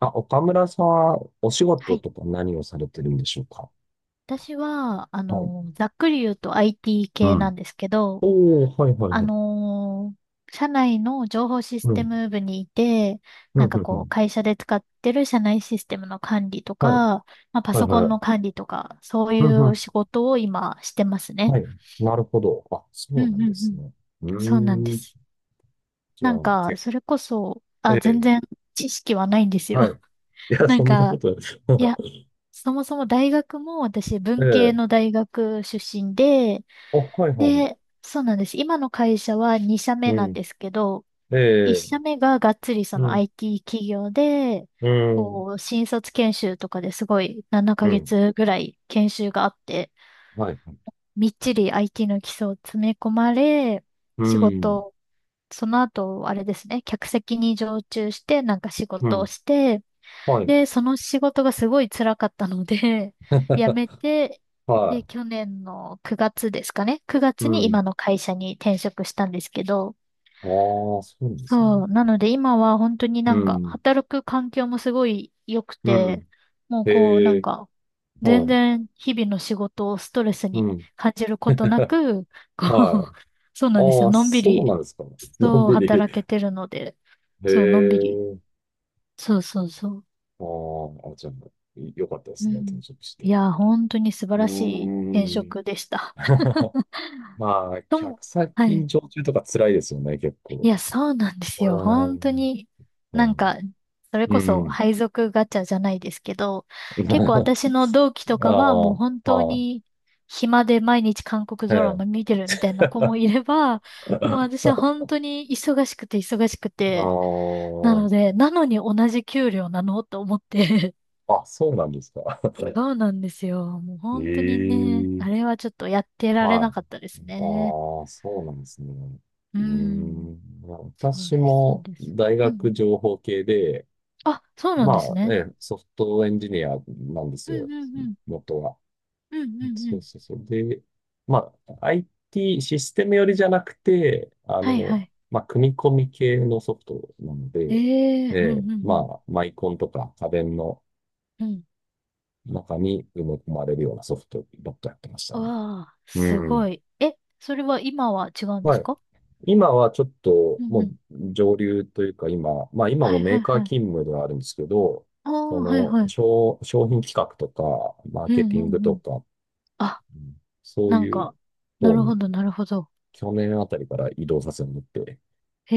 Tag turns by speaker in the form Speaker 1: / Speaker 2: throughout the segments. Speaker 1: あ、岡村さんはお仕
Speaker 2: は
Speaker 1: 事
Speaker 2: い。
Speaker 1: とか何をされてるんでしょうか？
Speaker 2: 私は、
Speaker 1: はい。
Speaker 2: ざっくり言うと IT
Speaker 1: う
Speaker 2: 系な
Speaker 1: ん。
Speaker 2: んですけど、
Speaker 1: おー、はいはい
Speaker 2: あ
Speaker 1: はい。
Speaker 2: の社内の情報シス
Speaker 1: う
Speaker 2: テ
Speaker 1: ん。
Speaker 2: ム部にいて、
Speaker 1: うん、
Speaker 2: な
Speaker 1: う
Speaker 2: ん
Speaker 1: ん、
Speaker 2: か
Speaker 1: う
Speaker 2: こう、
Speaker 1: ん。
Speaker 2: 会社で使ってる社内システムの管理とか、
Speaker 1: はい。
Speaker 2: まあ、パ
Speaker 1: はい
Speaker 2: ソコ
Speaker 1: は
Speaker 2: ン
Speaker 1: い。
Speaker 2: の管理とか、そうい
Speaker 1: うん、う
Speaker 2: う
Speaker 1: ん。
Speaker 2: 仕事を今してますね。
Speaker 1: はい。なるほど。あ、
Speaker 2: う
Speaker 1: そ
Speaker 2: ん
Speaker 1: うな
Speaker 2: うん
Speaker 1: ん
Speaker 2: う
Speaker 1: です
Speaker 2: ん。
Speaker 1: ね。う
Speaker 2: そうなんで
Speaker 1: ーん。
Speaker 2: す。
Speaker 1: じゃ
Speaker 2: なん
Speaker 1: あ、
Speaker 2: か、
Speaker 1: け、
Speaker 2: それこそ、
Speaker 1: え
Speaker 2: あ、全然
Speaker 1: え。
Speaker 2: 知識はないんです
Speaker 1: は
Speaker 2: よ。
Speaker 1: い。いや、
Speaker 2: な
Speaker 1: そ
Speaker 2: ん
Speaker 1: んなこ
Speaker 2: か、
Speaker 1: とない。
Speaker 2: いや、そもそも大学も私
Speaker 1: え
Speaker 2: 文系
Speaker 1: え。
Speaker 2: の大学出身で、
Speaker 1: あ、はいはい。
Speaker 2: で、そうなんです。今の会社は2社目
Speaker 1: う
Speaker 2: なんで
Speaker 1: ん。
Speaker 2: すけど、1
Speaker 1: ええ。
Speaker 2: 社目ががっつりそ
Speaker 1: う
Speaker 2: の
Speaker 1: ん。
Speaker 2: IT 企業で、
Speaker 1: うん。
Speaker 2: こう、新卒研修とかですごい7
Speaker 1: う
Speaker 2: ヶ
Speaker 1: ん。
Speaker 2: 月ぐらい研修があって、
Speaker 1: はい。
Speaker 2: みっちり IT の基礎を詰め込まれ、
Speaker 1: う
Speaker 2: 仕
Speaker 1: ん。
Speaker 2: 事、その後、あれですね、客席に常駐して、なんか仕
Speaker 1: う
Speaker 2: 事を
Speaker 1: ん。
Speaker 2: して、
Speaker 1: はい。
Speaker 2: で、その仕事がすごい辛かったので、辞め て、で、
Speaker 1: は
Speaker 2: 去年の9月ですかね。9
Speaker 1: い。う
Speaker 2: 月に今
Speaker 1: ん。
Speaker 2: の会社に転職したんですけど、
Speaker 1: ああ、そうなんです
Speaker 2: そ
Speaker 1: ね。
Speaker 2: う。なので今は本当に
Speaker 1: う
Speaker 2: なんか
Speaker 1: ん。
Speaker 2: 働く環境もすごい良く
Speaker 1: う
Speaker 2: て、
Speaker 1: ん。
Speaker 2: もうこうな
Speaker 1: へ
Speaker 2: ん
Speaker 1: え、
Speaker 2: か
Speaker 1: は
Speaker 2: 全
Speaker 1: い。
Speaker 2: 然日々の仕事をストレス
Speaker 1: う
Speaker 2: に
Speaker 1: ん。
Speaker 2: 感じることなく、こ
Speaker 1: は
Speaker 2: う、
Speaker 1: い。
Speaker 2: そうなんです
Speaker 1: あ
Speaker 2: よ。
Speaker 1: あ、
Speaker 2: のんび
Speaker 1: そう
Speaker 2: り、
Speaker 1: なんですか。のん
Speaker 2: そう
Speaker 1: びり。
Speaker 2: 働けてるので、
Speaker 1: へ
Speaker 2: そう、のんびり。
Speaker 1: え、
Speaker 2: そうそうそう。
Speaker 1: あーあ、じゃあ、いよかったで
Speaker 2: う
Speaker 1: すね、転
Speaker 2: ん。
Speaker 1: 職し
Speaker 2: い
Speaker 1: て。
Speaker 2: や、本当に素晴
Speaker 1: う
Speaker 2: らしい転
Speaker 1: ーん。
Speaker 2: 職でした。
Speaker 1: まあ、
Speaker 2: とも、
Speaker 1: 客
Speaker 2: は
Speaker 1: 先
Speaker 2: い。
Speaker 1: 常駐とか辛いですよね、結
Speaker 2: い
Speaker 1: 構。
Speaker 2: や、そうなんで
Speaker 1: う
Speaker 2: すよ。
Speaker 1: ー
Speaker 2: 本当
Speaker 1: ん。
Speaker 2: に、
Speaker 1: う
Speaker 2: なん
Speaker 1: ん。
Speaker 2: か、それこ
Speaker 1: う
Speaker 2: そ
Speaker 1: ん。
Speaker 2: 配属ガチャじゃないですけど、結構私の同期と
Speaker 1: あ
Speaker 2: かはもう
Speaker 1: あ、
Speaker 2: 本当
Speaker 1: ま
Speaker 2: に暇で毎日韓国
Speaker 1: あ、
Speaker 2: ドラ
Speaker 1: え
Speaker 2: マ見てるみたいな子
Speaker 1: え。
Speaker 2: もいれ ば、もう私は本当に忙しくて忙しくて、
Speaker 1: あ
Speaker 2: なので、なのに同じ給料なのと思って
Speaker 1: あ、あ、そうなんですか。
Speaker 2: そうなんですよ。もう本当にね、
Speaker 1: え
Speaker 2: あ
Speaker 1: え
Speaker 2: れはちょっとやってられな
Speaker 1: は
Speaker 2: か
Speaker 1: い。
Speaker 2: ったですね。
Speaker 1: ああ、そうなんですね。
Speaker 2: う
Speaker 1: うー
Speaker 2: ん。
Speaker 1: ん。
Speaker 2: そう
Speaker 1: 私
Speaker 2: です、そう
Speaker 1: も
Speaker 2: です。
Speaker 1: 大
Speaker 2: うんう
Speaker 1: 学
Speaker 2: ん。
Speaker 1: 情報系で、
Speaker 2: あ、そうなんです
Speaker 1: まあ、え
Speaker 2: ね。
Speaker 1: え、ソフトエンジニアなんです
Speaker 2: う
Speaker 1: よ、
Speaker 2: んうんうん。
Speaker 1: 元は。
Speaker 2: うんうんう
Speaker 1: そう
Speaker 2: ん。
Speaker 1: そうそう。で、まあ、IT システム寄りじゃなくて、
Speaker 2: はいはい。
Speaker 1: まあ、組み込み系のソフトなの
Speaker 2: え
Speaker 1: で、え
Speaker 2: えうん
Speaker 1: え、
Speaker 2: うん
Speaker 1: まあ、マイコンとか家電の
Speaker 2: うん。うん。
Speaker 1: 中に埋め込まれるようなソフトばっかやってましたね。
Speaker 2: わあ、
Speaker 1: う
Speaker 2: す
Speaker 1: ん。
Speaker 2: ごい。え、それは今は違うんで
Speaker 1: は
Speaker 2: す
Speaker 1: い。
Speaker 2: か？
Speaker 1: 今はちょっ
Speaker 2: う
Speaker 1: と
Speaker 2: んう
Speaker 1: も
Speaker 2: ん。
Speaker 1: う上流というか今、まあ今
Speaker 2: は
Speaker 1: も
Speaker 2: い
Speaker 1: メ
Speaker 2: は
Speaker 1: ー
Speaker 2: い
Speaker 1: カー
Speaker 2: はい。
Speaker 1: 勤務ではあるんですけど、
Speaker 2: あ
Speaker 1: そ
Speaker 2: あ、はいは
Speaker 1: の
Speaker 2: い。
Speaker 1: 商品企画とか、マー
Speaker 2: うん
Speaker 1: ケティ
Speaker 2: う
Speaker 1: ング
Speaker 2: んう
Speaker 1: と
Speaker 2: ん。
Speaker 1: か、
Speaker 2: あ、
Speaker 1: うん、そう
Speaker 2: なん
Speaker 1: いう
Speaker 2: か、な
Speaker 1: 方
Speaker 2: るほ
Speaker 1: に
Speaker 2: どなるほど。
Speaker 1: 去年あたりから移動させてもらって、
Speaker 2: へ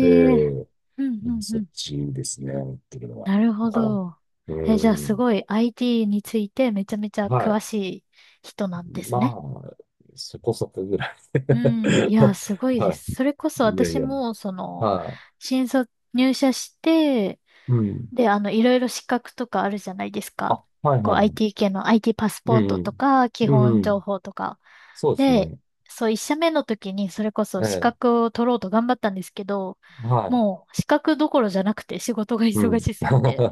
Speaker 1: えー
Speaker 2: うん
Speaker 1: う
Speaker 2: う
Speaker 1: ん
Speaker 2: ん
Speaker 1: そ
Speaker 2: う
Speaker 1: っ
Speaker 2: ん。
Speaker 1: ちですね、っていうのは。
Speaker 2: なるほ
Speaker 1: は
Speaker 2: ど。
Speaker 1: い。
Speaker 2: え、
Speaker 1: う
Speaker 2: じゃあす
Speaker 1: ん。
Speaker 2: ごい IT についてめちゃめちゃ
Speaker 1: は
Speaker 2: 詳
Speaker 1: い。
Speaker 2: しい人なんで
Speaker 1: ま
Speaker 2: すね。
Speaker 1: あ、そこそこぐらい。
Speaker 2: うん。いや、すご いで
Speaker 1: は
Speaker 2: す。それこそ
Speaker 1: い。いやい
Speaker 2: 私
Speaker 1: や。
Speaker 2: も、
Speaker 1: は
Speaker 2: 新卒入社して、
Speaker 1: い。うん。
Speaker 2: で、いろいろ資格とかあるじゃないですか。
Speaker 1: あ、はい
Speaker 2: こ
Speaker 1: は
Speaker 2: う、
Speaker 1: いはい。
Speaker 2: IT 系の IT パス
Speaker 1: う
Speaker 2: ポー
Speaker 1: ん
Speaker 2: ト
Speaker 1: う
Speaker 2: と
Speaker 1: ん。
Speaker 2: か、基
Speaker 1: うんう
Speaker 2: 本情
Speaker 1: ん。
Speaker 2: 報とか。
Speaker 1: そうです
Speaker 2: で、
Speaker 1: ね。
Speaker 2: そう、一社目の時に、それこそ
Speaker 1: え
Speaker 2: 資
Speaker 1: え、
Speaker 2: 格を取ろうと頑張ったんですけど、
Speaker 1: はい。
Speaker 2: もう、資格どころじゃなくて仕事が
Speaker 1: う
Speaker 2: 忙
Speaker 1: ん。
Speaker 2: しすぎ て。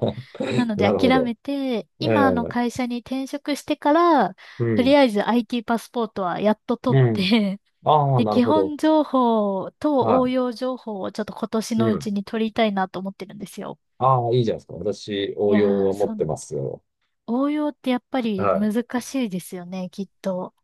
Speaker 2: なの
Speaker 1: な
Speaker 2: で
Speaker 1: るほ
Speaker 2: 諦
Speaker 1: ど。
Speaker 2: めて、
Speaker 1: え
Speaker 2: 今の
Speaker 1: え、
Speaker 2: 会社に転職してから、
Speaker 1: う
Speaker 2: と
Speaker 1: ん。
Speaker 2: りあえず IT パスポートはやっと取っ
Speaker 1: うん。
Speaker 2: て、
Speaker 1: あ あ、
Speaker 2: で、
Speaker 1: なる
Speaker 2: 基
Speaker 1: ほど。
Speaker 2: 本情報と
Speaker 1: は
Speaker 2: 応用情報をちょっと今年
Speaker 1: い。
Speaker 2: の
Speaker 1: う
Speaker 2: うち
Speaker 1: ん。
Speaker 2: に取りたいなと思ってるんですよ。
Speaker 1: ああ、いいじゃないですか。私、
Speaker 2: い
Speaker 1: 応用
Speaker 2: やー、
Speaker 1: は持っ
Speaker 2: そう、
Speaker 1: てますよ。
Speaker 2: 応用ってやっぱり
Speaker 1: はい。
Speaker 2: 難しいですよね、きっと。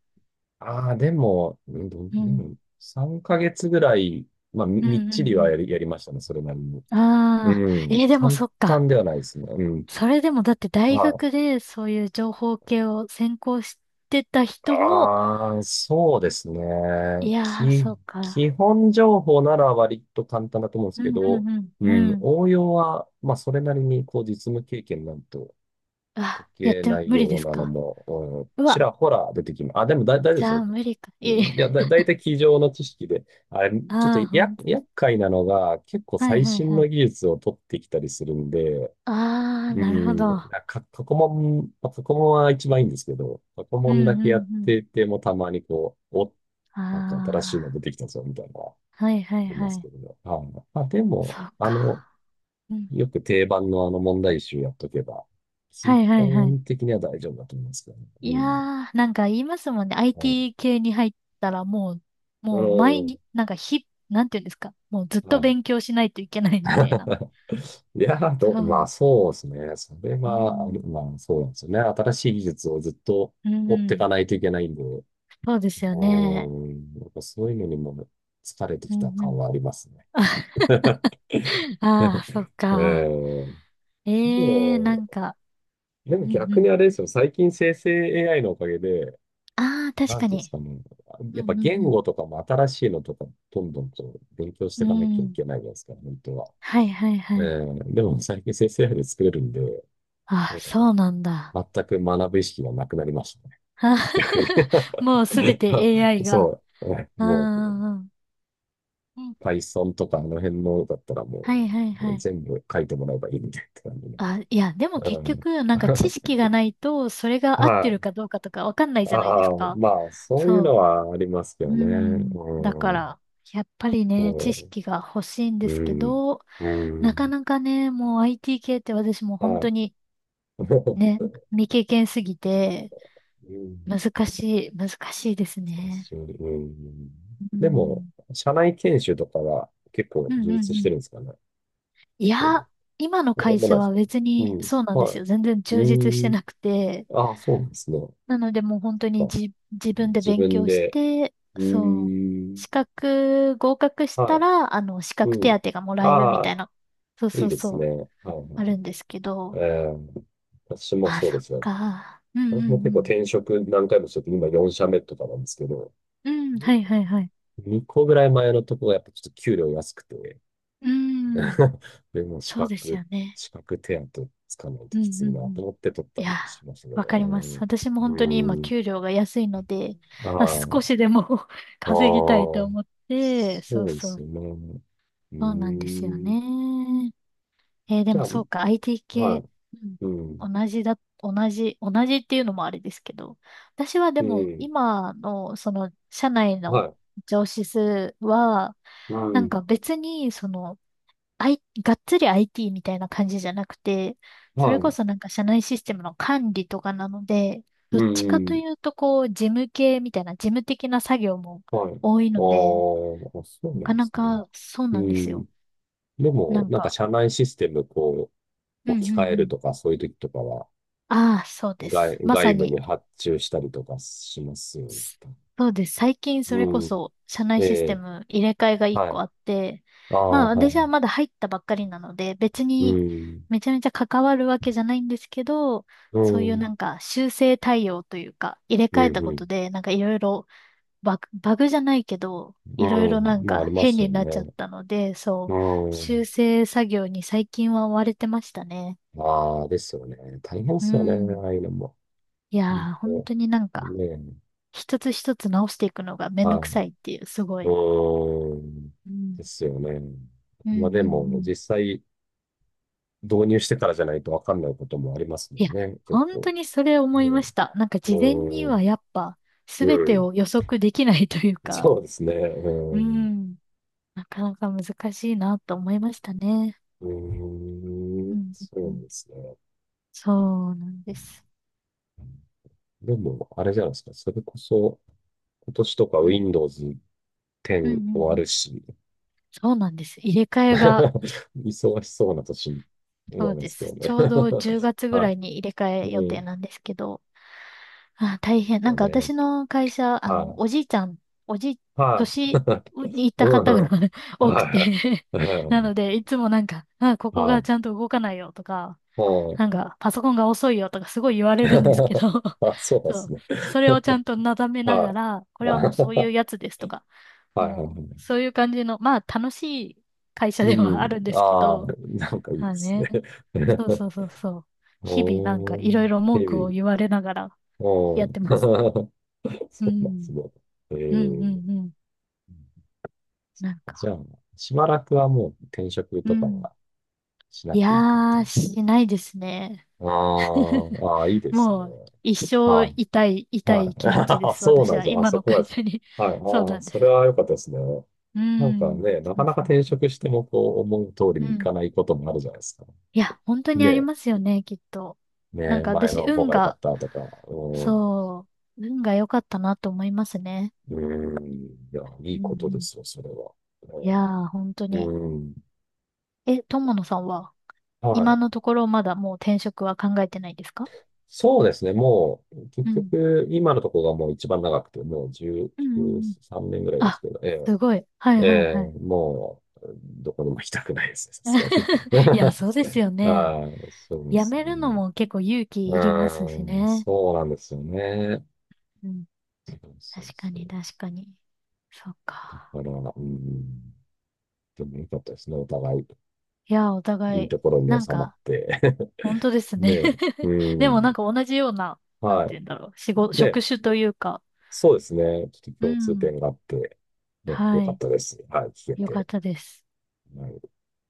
Speaker 1: ああ、でも、うんどう
Speaker 2: う
Speaker 1: う
Speaker 2: ん。
Speaker 1: ん3ヶ月ぐらい、まあ、み
Speaker 2: う
Speaker 1: みっ
Speaker 2: んう
Speaker 1: ちりは
Speaker 2: ん
Speaker 1: やりましたね。それなりに。
Speaker 2: うん。
Speaker 1: う
Speaker 2: ああ、え
Speaker 1: ん。
Speaker 2: ーでも
Speaker 1: 簡
Speaker 2: そっか。
Speaker 1: 単ではないですね。うん。
Speaker 2: それでもだって
Speaker 1: は
Speaker 2: 大
Speaker 1: い。
Speaker 2: 学でそういう情報系を専攻してた人も、
Speaker 1: ああ、そうです
Speaker 2: い
Speaker 1: ね。
Speaker 2: やー、
Speaker 1: き、
Speaker 2: そう
Speaker 1: 基
Speaker 2: か。
Speaker 1: 本情報なら割と簡単だと思うんです
Speaker 2: う
Speaker 1: け
Speaker 2: んう
Speaker 1: ど、
Speaker 2: ん
Speaker 1: う
Speaker 2: うん。
Speaker 1: ん、
Speaker 2: うん。
Speaker 1: 応用は、まあ、それなりに、こう、実務経験なんと解
Speaker 2: あ、やっ
Speaker 1: け
Speaker 2: て、
Speaker 1: ない
Speaker 2: 無理で
Speaker 1: よう
Speaker 2: す
Speaker 1: なの
Speaker 2: か？
Speaker 1: も、うん、
Speaker 2: う
Speaker 1: ち
Speaker 2: わ、
Speaker 1: らほら出てきます。あ、でも大丈夫で
Speaker 2: じ
Speaker 1: す
Speaker 2: ゃ
Speaker 1: よ。
Speaker 2: あ無理か。いえい
Speaker 1: いや、
Speaker 2: え。
Speaker 1: 大体机上の知識で、あれ、ちょっと
Speaker 2: ああ、
Speaker 1: や、
Speaker 2: 本当です。
Speaker 1: 厄介なのが、結構
Speaker 2: はい
Speaker 1: 最
Speaker 2: はい
Speaker 1: 新
Speaker 2: は
Speaker 1: の
Speaker 2: い。
Speaker 1: 技術を取ってきたりするんで、
Speaker 2: ああ、
Speaker 1: う
Speaker 2: なるほ
Speaker 1: ん。
Speaker 2: ど。
Speaker 1: 過去問、まあ、過去問は一番いいんですけど、過去
Speaker 2: う
Speaker 1: 問だ
Speaker 2: んう
Speaker 1: けやっ
Speaker 2: んう
Speaker 1: ててもたまにこう、お、
Speaker 2: ん。
Speaker 1: なんか新しいの出
Speaker 2: あ
Speaker 1: てきたぞ、みたいな、あ
Speaker 2: あ、はいはい
Speaker 1: りま
Speaker 2: は
Speaker 1: すけ
Speaker 2: い。
Speaker 1: どね。はい。まあ、でも、
Speaker 2: そう
Speaker 1: あの、
Speaker 2: か。うん。
Speaker 1: よく定番のあの問題集やっとけば、基
Speaker 2: はいはいはい。
Speaker 1: 本的には大丈夫だと思いますけどね。う
Speaker 2: いや
Speaker 1: ん。
Speaker 2: ー、なんか言いますもんね。
Speaker 1: うん。
Speaker 2: IT 系に入ったらもう、
Speaker 1: う
Speaker 2: もう毎
Speaker 1: ん、
Speaker 2: 日、なんか日、なんていうんですか。もうずっと
Speaker 1: はい。
Speaker 2: 勉強しないといけないみたいな。
Speaker 1: いやー、
Speaker 2: そ
Speaker 1: まあ
Speaker 2: う。
Speaker 1: そうですね。それ
Speaker 2: う
Speaker 1: は、あの
Speaker 2: ん。
Speaker 1: まあそうなんですよね。新しい技術をずっと
Speaker 2: うん
Speaker 1: 追っ
Speaker 2: う
Speaker 1: てい
Speaker 2: ん。
Speaker 1: かないといけないんで、
Speaker 2: そうで
Speaker 1: う
Speaker 2: すよね。
Speaker 1: ーん、なんかそういうのにも疲れて
Speaker 2: う
Speaker 1: きた
Speaker 2: んう
Speaker 1: 感
Speaker 2: ん。
Speaker 1: はありますね。
Speaker 2: ああ、そっ
Speaker 1: え
Speaker 2: か。
Speaker 1: ー、で
Speaker 2: ええな
Speaker 1: も、
Speaker 2: んか、
Speaker 1: でも
Speaker 2: うんう
Speaker 1: 逆に
Speaker 2: ん。
Speaker 1: あれですよ。最近生成 AI のおかげで、
Speaker 2: ああ、確
Speaker 1: なん
Speaker 2: か
Speaker 1: ていうんです
Speaker 2: に。
Speaker 1: かね、や
Speaker 2: う
Speaker 1: っぱ
Speaker 2: んう
Speaker 1: 言
Speaker 2: ん
Speaker 1: 語とかも新しいのとか、どんどんと勉強し
Speaker 2: う
Speaker 1: てい
Speaker 2: ん。
Speaker 1: かなきゃ
Speaker 2: う
Speaker 1: い
Speaker 2: ん。
Speaker 1: けないじゃないですか、本当は。
Speaker 2: はいはいは
Speaker 1: え
Speaker 2: い。
Speaker 1: ー、でも最近生成 AI で作れるんで、
Speaker 2: あ
Speaker 1: な
Speaker 2: あ、
Speaker 1: んか
Speaker 2: そうなんだ。
Speaker 1: 全く学ぶ意識がなくなりましたね、逆に。
Speaker 2: あー もうすべて AI が。
Speaker 1: そう。え
Speaker 2: ああ、
Speaker 1: もう、
Speaker 2: うんうん
Speaker 1: Python とかあの辺のだったら
Speaker 2: は
Speaker 1: も
Speaker 2: いはいは
Speaker 1: う
Speaker 2: い。
Speaker 1: 全部書いてもらえばいいみたいな感じね。
Speaker 2: あ、いや、でも
Speaker 1: う
Speaker 2: 結
Speaker 1: ん。
Speaker 2: 局、なんか知 識がないと、それ
Speaker 1: は
Speaker 2: が合ってる
Speaker 1: い。
Speaker 2: かどうかとかわかんないじゃないで
Speaker 1: あ
Speaker 2: す
Speaker 1: あ、
Speaker 2: か。
Speaker 1: まあ、そういう
Speaker 2: そ
Speaker 1: のはありますけ
Speaker 2: う。
Speaker 1: ど
Speaker 2: う
Speaker 1: ね。
Speaker 2: ん。だか
Speaker 1: うん。
Speaker 2: ら、やっぱりね、知
Speaker 1: そ
Speaker 2: 識が欲しいんで
Speaker 1: う。
Speaker 2: すけ
Speaker 1: うん。
Speaker 2: ど、
Speaker 1: う
Speaker 2: なか
Speaker 1: ん。
Speaker 2: なかね、もう IT 系って私も本
Speaker 1: は
Speaker 2: 当に
Speaker 1: い。
Speaker 2: ね、未経験すぎて、
Speaker 1: うん。
Speaker 2: 難難しいです
Speaker 1: 久
Speaker 2: ね。
Speaker 1: しぶり。うん。
Speaker 2: う
Speaker 1: でも、
Speaker 2: ん。
Speaker 1: 社内研修とかは結構
Speaker 2: うんうん
Speaker 1: 充実
Speaker 2: う
Speaker 1: してる
Speaker 2: ん。
Speaker 1: んですかね。
Speaker 2: い
Speaker 1: でも、
Speaker 2: や、今の
Speaker 1: そうで
Speaker 2: 会
Speaker 1: もな
Speaker 2: 社
Speaker 1: いです
Speaker 2: は
Speaker 1: か。
Speaker 2: 別
Speaker 1: う
Speaker 2: に
Speaker 1: ん。
Speaker 2: そうなんです
Speaker 1: は
Speaker 2: よ。全然
Speaker 1: い。
Speaker 2: 充実して
Speaker 1: うん。
Speaker 2: なくて。
Speaker 1: ああ、そうなんですね。
Speaker 2: なのでもう本当に
Speaker 1: あ、
Speaker 2: じ、自分で
Speaker 1: 自
Speaker 2: 勉
Speaker 1: 分
Speaker 2: 強し
Speaker 1: で。
Speaker 2: て、
Speaker 1: うー
Speaker 2: そう、
Speaker 1: ん。
Speaker 2: 資格合格し
Speaker 1: は
Speaker 2: たら、資
Speaker 1: い。う
Speaker 2: 格
Speaker 1: ん。
Speaker 2: 手当がもらえるみ
Speaker 1: あ
Speaker 2: た
Speaker 1: あ、
Speaker 2: いな、そう
Speaker 1: い
Speaker 2: そ
Speaker 1: い
Speaker 2: う
Speaker 1: です
Speaker 2: そ
Speaker 1: ね。
Speaker 2: う、
Speaker 1: はいはいは
Speaker 2: あ
Speaker 1: い。
Speaker 2: るんですけ
Speaker 1: え
Speaker 2: ど。
Speaker 1: ー、私も
Speaker 2: まあ、
Speaker 1: そう
Speaker 2: そ
Speaker 1: で
Speaker 2: っ
Speaker 1: すよ。
Speaker 2: か。うん
Speaker 1: 私
Speaker 2: う
Speaker 1: も結構
Speaker 2: ん
Speaker 1: 転職何回もしてて、今4社目とかなんですけど、
Speaker 2: うん。うん、はいはいはい。
Speaker 1: 2個ぐらい前のとこがやっぱちょっと給料安くて、
Speaker 2: うーん。
Speaker 1: でも、
Speaker 2: そうですよね。
Speaker 1: 資格手当つかないと
Speaker 2: うんう
Speaker 1: きつ
Speaker 2: ん
Speaker 1: い
Speaker 2: う
Speaker 1: なと
Speaker 2: ん。
Speaker 1: 思って取っ
Speaker 2: い
Speaker 1: たり
Speaker 2: や、
Speaker 1: しましたけ
Speaker 2: わ
Speaker 1: ど、
Speaker 2: かりま
Speaker 1: う
Speaker 2: す。
Speaker 1: ん。
Speaker 2: 私も本当に
Speaker 1: う
Speaker 2: 今、
Speaker 1: ん。
Speaker 2: 給料が安いので、
Speaker 1: あ
Speaker 2: あ、
Speaker 1: あ、
Speaker 2: 少
Speaker 1: あ
Speaker 2: しでも 稼ぎたい
Speaker 1: あ、
Speaker 2: と思って、そう
Speaker 1: そうで
Speaker 2: そ
Speaker 1: す
Speaker 2: う、
Speaker 1: ね。うー
Speaker 2: そうなんですよ
Speaker 1: ん。
Speaker 2: ね。えーで
Speaker 1: じゃ
Speaker 2: も
Speaker 1: あ、
Speaker 2: そうか、IT
Speaker 1: は
Speaker 2: 系、
Speaker 1: い。う
Speaker 2: う
Speaker 1: ん。
Speaker 2: ん、同じだ、同じ、同じっていうのもあれですけど、私はで
Speaker 1: う
Speaker 2: も、
Speaker 1: ん。
Speaker 2: 今の、社内
Speaker 1: は
Speaker 2: の
Speaker 1: い。
Speaker 2: 上司数は、
Speaker 1: う
Speaker 2: なんか
Speaker 1: ん。
Speaker 2: 別に、あい、がっつり IT みたいな感じじゃなくて、そ
Speaker 1: は
Speaker 2: れこ
Speaker 1: い。
Speaker 2: そなんか社内システムの管理とかなので、ど
Speaker 1: う
Speaker 2: っちかと
Speaker 1: ん。
Speaker 2: いうとこう、事務系みたいな、事務的な作業も
Speaker 1: はい。ああ、
Speaker 2: 多いので、
Speaker 1: そう
Speaker 2: な
Speaker 1: な
Speaker 2: か
Speaker 1: んで
Speaker 2: な
Speaker 1: すね。
Speaker 2: かそう
Speaker 1: う
Speaker 2: なんです
Speaker 1: ん。
Speaker 2: よ。
Speaker 1: で
Speaker 2: な
Speaker 1: も、
Speaker 2: ん
Speaker 1: なんか
Speaker 2: か、
Speaker 1: 社内システム、こ
Speaker 2: う
Speaker 1: う、
Speaker 2: んう
Speaker 1: 置
Speaker 2: ん
Speaker 1: き
Speaker 2: う
Speaker 1: 換える
Speaker 2: ん。
Speaker 1: とか、そういう時とかは、
Speaker 2: ああ、そうです。まさ
Speaker 1: 外部に
Speaker 2: に
Speaker 1: 発注したりとかしますよね。
Speaker 2: そうです。最近それこ
Speaker 1: うん。
Speaker 2: そ社内
Speaker 1: え
Speaker 2: システ
Speaker 1: え、
Speaker 2: ム入れ替えが1
Speaker 1: は
Speaker 2: 個
Speaker 1: い。
Speaker 2: あって、
Speaker 1: あ
Speaker 2: まあ
Speaker 1: あ、は
Speaker 2: 私は
Speaker 1: い。
Speaker 2: まだ入ったばっかりなので、別
Speaker 1: う
Speaker 2: に
Speaker 1: ん。
Speaker 2: めちゃめちゃ関わるわけじゃないんですけど、
Speaker 1: う
Speaker 2: そういうな
Speaker 1: ん。
Speaker 2: んか修正対応というか、入れ
Speaker 1: う
Speaker 2: 替え
Speaker 1: ん。
Speaker 2: た
Speaker 1: う
Speaker 2: こと
Speaker 1: ん。
Speaker 2: で、なんかいろいろバグじゃないけど、
Speaker 1: う
Speaker 2: いろいろな
Speaker 1: ん、
Speaker 2: ん
Speaker 1: まあ、あ
Speaker 2: か
Speaker 1: りま
Speaker 2: 変
Speaker 1: すよ
Speaker 2: になっちゃっ
Speaker 1: ね。
Speaker 2: たので、
Speaker 1: う
Speaker 2: そう、修
Speaker 1: ん。
Speaker 2: 正作業に最近は追われてましたね。
Speaker 1: ああ、ですよね。大変で
Speaker 2: う
Speaker 1: すよね、
Speaker 2: ん。
Speaker 1: ああいうのも。
Speaker 2: い
Speaker 1: うん
Speaker 2: やー、本
Speaker 1: と、
Speaker 2: 当になんか、
Speaker 1: ねえ。
Speaker 2: 一つ一つ直していくのがめんど
Speaker 1: は
Speaker 2: く
Speaker 1: い。
Speaker 2: さいっていう、すご
Speaker 1: う
Speaker 2: い。
Speaker 1: ーん。
Speaker 2: うん、
Speaker 1: ですよね。
Speaker 2: うん、う
Speaker 1: まあで
Speaker 2: ん。う
Speaker 1: も、
Speaker 2: ん
Speaker 1: 実際導入してからじゃないとわかんないこともありますも
Speaker 2: いや、
Speaker 1: んね、結
Speaker 2: 本当
Speaker 1: 構。
Speaker 2: にそれ思
Speaker 1: う
Speaker 2: いまし
Speaker 1: ん。
Speaker 2: た。なんか事前に
Speaker 1: うー
Speaker 2: は
Speaker 1: ん。
Speaker 2: やっぱ全
Speaker 1: う
Speaker 2: て
Speaker 1: ん。
Speaker 2: を予測できないというか、
Speaker 1: そうですね。う
Speaker 2: う
Speaker 1: ん。
Speaker 2: ん、なかなか難しいなと思いましたね。
Speaker 1: う
Speaker 2: う
Speaker 1: ー
Speaker 2: ん、
Speaker 1: ん。
Speaker 2: う
Speaker 1: そうな
Speaker 2: んう
Speaker 1: ん
Speaker 2: ん
Speaker 1: ですね。
Speaker 2: そうなんです。
Speaker 1: でも、あれじゃないですか。それこそ、今年とか
Speaker 2: うん、
Speaker 1: Windows 10
Speaker 2: うん、うんう
Speaker 1: 終わ
Speaker 2: ん。
Speaker 1: るし、
Speaker 2: そうなんです。入れ替えが、
Speaker 1: 忙しそうな年、
Speaker 2: そ
Speaker 1: 思い
Speaker 2: う
Speaker 1: ま
Speaker 2: で
Speaker 1: すけど
Speaker 2: す。ち
Speaker 1: ね。
Speaker 2: ょうど10 月ぐら
Speaker 1: は
Speaker 2: いに入れ替
Speaker 1: い。
Speaker 2: え予
Speaker 1: う
Speaker 2: 定
Speaker 1: ん。
Speaker 2: なんですけど、あ、大変。な
Speaker 1: だ
Speaker 2: んか私
Speaker 1: ね。
Speaker 2: の会社、
Speaker 1: はい。
Speaker 2: おじいちゃん、おじい、
Speaker 1: はい。
Speaker 2: 年 に行った
Speaker 1: う
Speaker 2: 方が
Speaker 1: ん、
Speaker 2: 多くて
Speaker 1: は い。う
Speaker 2: なの
Speaker 1: ん。
Speaker 2: で、いつもなんか、あ、ここ
Speaker 1: は
Speaker 2: が
Speaker 1: い。
Speaker 2: ちゃんと動かないよとか、
Speaker 1: うん。
Speaker 2: なんか、パソコンが遅いよとかすごい言われるんですけど
Speaker 1: あ、そうな んで
Speaker 2: そ
Speaker 1: す
Speaker 2: う。
Speaker 1: ね。
Speaker 2: それをちゃんとなだ めな
Speaker 1: は
Speaker 2: が
Speaker 1: い。
Speaker 2: ら、これはもうそうい
Speaker 1: あ
Speaker 2: う やつですとか、
Speaker 1: はいはいは
Speaker 2: もう、
Speaker 1: い。
Speaker 2: そういう感じの、まあ、楽しい会社
Speaker 1: う
Speaker 2: ではあ
Speaker 1: ん。
Speaker 2: るんですけ
Speaker 1: ああ、
Speaker 2: ど、
Speaker 1: なんかいい
Speaker 2: ま
Speaker 1: で
Speaker 2: あ
Speaker 1: す
Speaker 2: ね。
Speaker 1: ね。
Speaker 2: そうそ うそうそう。日々なんか
Speaker 1: お
Speaker 2: い
Speaker 1: ー、
Speaker 2: ろいろ文
Speaker 1: ヘ
Speaker 2: 句を
Speaker 1: ビ。
Speaker 2: 言われながら
Speaker 1: お
Speaker 2: やっ
Speaker 1: ー。
Speaker 2: てます。う
Speaker 1: そうなんで
Speaker 2: ん、
Speaker 1: すね。え
Speaker 2: うん、う
Speaker 1: ー、
Speaker 2: ん、うん。なん
Speaker 1: じゃ
Speaker 2: か、
Speaker 1: あ、しばらくはもう転職
Speaker 2: う
Speaker 1: とか
Speaker 2: ん。
Speaker 1: はしな
Speaker 2: い
Speaker 1: く
Speaker 2: や
Speaker 1: ていい感じ
Speaker 2: ー、
Speaker 1: です？
Speaker 2: しないですね。
Speaker 1: あー あー、いいです
Speaker 2: も
Speaker 1: ね。
Speaker 2: う、一生
Speaker 1: は
Speaker 2: 痛い、
Speaker 1: い。
Speaker 2: 痛い気持ちで
Speaker 1: はい。
Speaker 2: す。
Speaker 1: そう
Speaker 2: 私
Speaker 1: なんで
Speaker 2: は、
Speaker 1: すよ。あ、
Speaker 2: 今
Speaker 1: そ
Speaker 2: の
Speaker 1: こは
Speaker 2: 会
Speaker 1: です。
Speaker 2: 社に。
Speaker 1: はい。
Speaker 2: そう
Speaker 1: あ
Speaker 2: な
Speaker 1: あ、
Speaker 2: んで
Speaker 1: それ
Speaker 2: す。
Speaker 1: は良かったですね。
Speaker 2: う
Speaker 1: なんか
Speaker 2: ん。
Speaker 1: ね、な
Speaker 2: そ
Speaker 1: か
Speaker 2: う
Speaker 1: なか
Speaker 2: そう
Speaker 1: 転
Speaker 2: そう。
Speaker 1: 職してもこう思う通り
Speaker 2: う
Speaker 1: にいか
Speaker 2: ん。
Speaker 1: ないこともあるじゃないですか。
Speaker 2: いや、本当に
Speaker 1: ね
Speaker 2: あり
Speaker 1: え、
Speaker 2: ますよね、きっと。
Speaker 1: ね
Speaker 2: なん
Speaker 1: え、
Speaker 2: か
Speaker 1: 前
Speaker 2: 私、
Speaker 1: の方
Speaker 2: 運
Speaker 1: が良か
Speaker 2: が、
Speaker 1: ったとか、うん、
Speaker 2: そう、運が良かったなと思いますね。
Speaker 1: うん、いや、い
Speaker 2: う
Speaker 1: い
Speaker 2: んう
Speaker 1: ことで
Speaker 2: ん。
Speaker 1: すよ、それは。
Speaker 2: いやー、本当
Speaker 1: う
Speaker 2: に。
Speaker 1: ん、うん、
Speaker 2: え、友野さんは、
Speaker 1: は
Speaker 2: 今の
Speaker 1: い。
Speaker 2: ところまだもう転職は考えてないですか？
Speaker 1: そうですね、もう、結
Speaker 2: うん。
Speaker 1: 局、今のところがもう一番長くて、もう
Speaker 2: うんうん
Speaker 1: 10
Speaker 2: うん
Speaker 1: 3年ぐらいです
Speaker 2: あ、
Speaker 1: けど、え
Speaker 2: すごい。はい
Speaker 1: え、え
Speaker 2: はい
Speaker 1: え、
Speaker 2: はい。
Speaker 1: もう、どこにも行きたくないですね、さすがに。
Speaker 2: いや、そうですよ ね。
Speaker 1: はい、そうで
Speaker 2: や
Speaker 1: す
Speaker 2: めるの
Speaker 1: ね。
Speaker 2: も結構勇
Speaker 1: う
Speaker 2: 気いります
Speaker 1: ー
Speaker 2: し
Speaker 1: ん、
Speaker 2: ね。
Speaker 1: そうなんですよね。
Speaker 2: うん。
Speaker 1: そう、
Speaker 2: 確か
Speaker 1: そ
Speaker 2: に、
Speaker 1: う
Speaker 2: 確かに。そっ
Speaker 1: だ
Speaker 2: か。
Speaker 1: から、うん、でも良かったですね。お互い、
Speaker 2: いや、お
Speaker 1: いい
Speaker 2: 互い、
Speaker 1: ところに
Speaker 2: なん
Speaker 1: 収まっ
Speaker 2: か、
Speaker 1: て。
Speaker 2: 本当です ね。
Speaker 1: で、う
Speaker 2: でもなん
Speaker 1: ん、
Speaker 2: か同じような、なん
Speaker 1: は
Speaker 2: て言うんだろう。仕事、
Speaker 1: い。
Speaker 2: 職
Speaker 1: で、
Speaker 2: 種というか。
Speaker 1: そうですね。ちょっと
Speaker 2: う
Speaker 1: 共通
Speaker 2: ん。
Speaker 1: 点があって、ね、良
Speaker 2: は
Speaker 1: かっ
Speaker 2: い。
Speaker 1: たです。はい、聞け
Speaker 2: よかっ
Speaker 1: て。
Speaker 2: たです。
Speaker 1: はい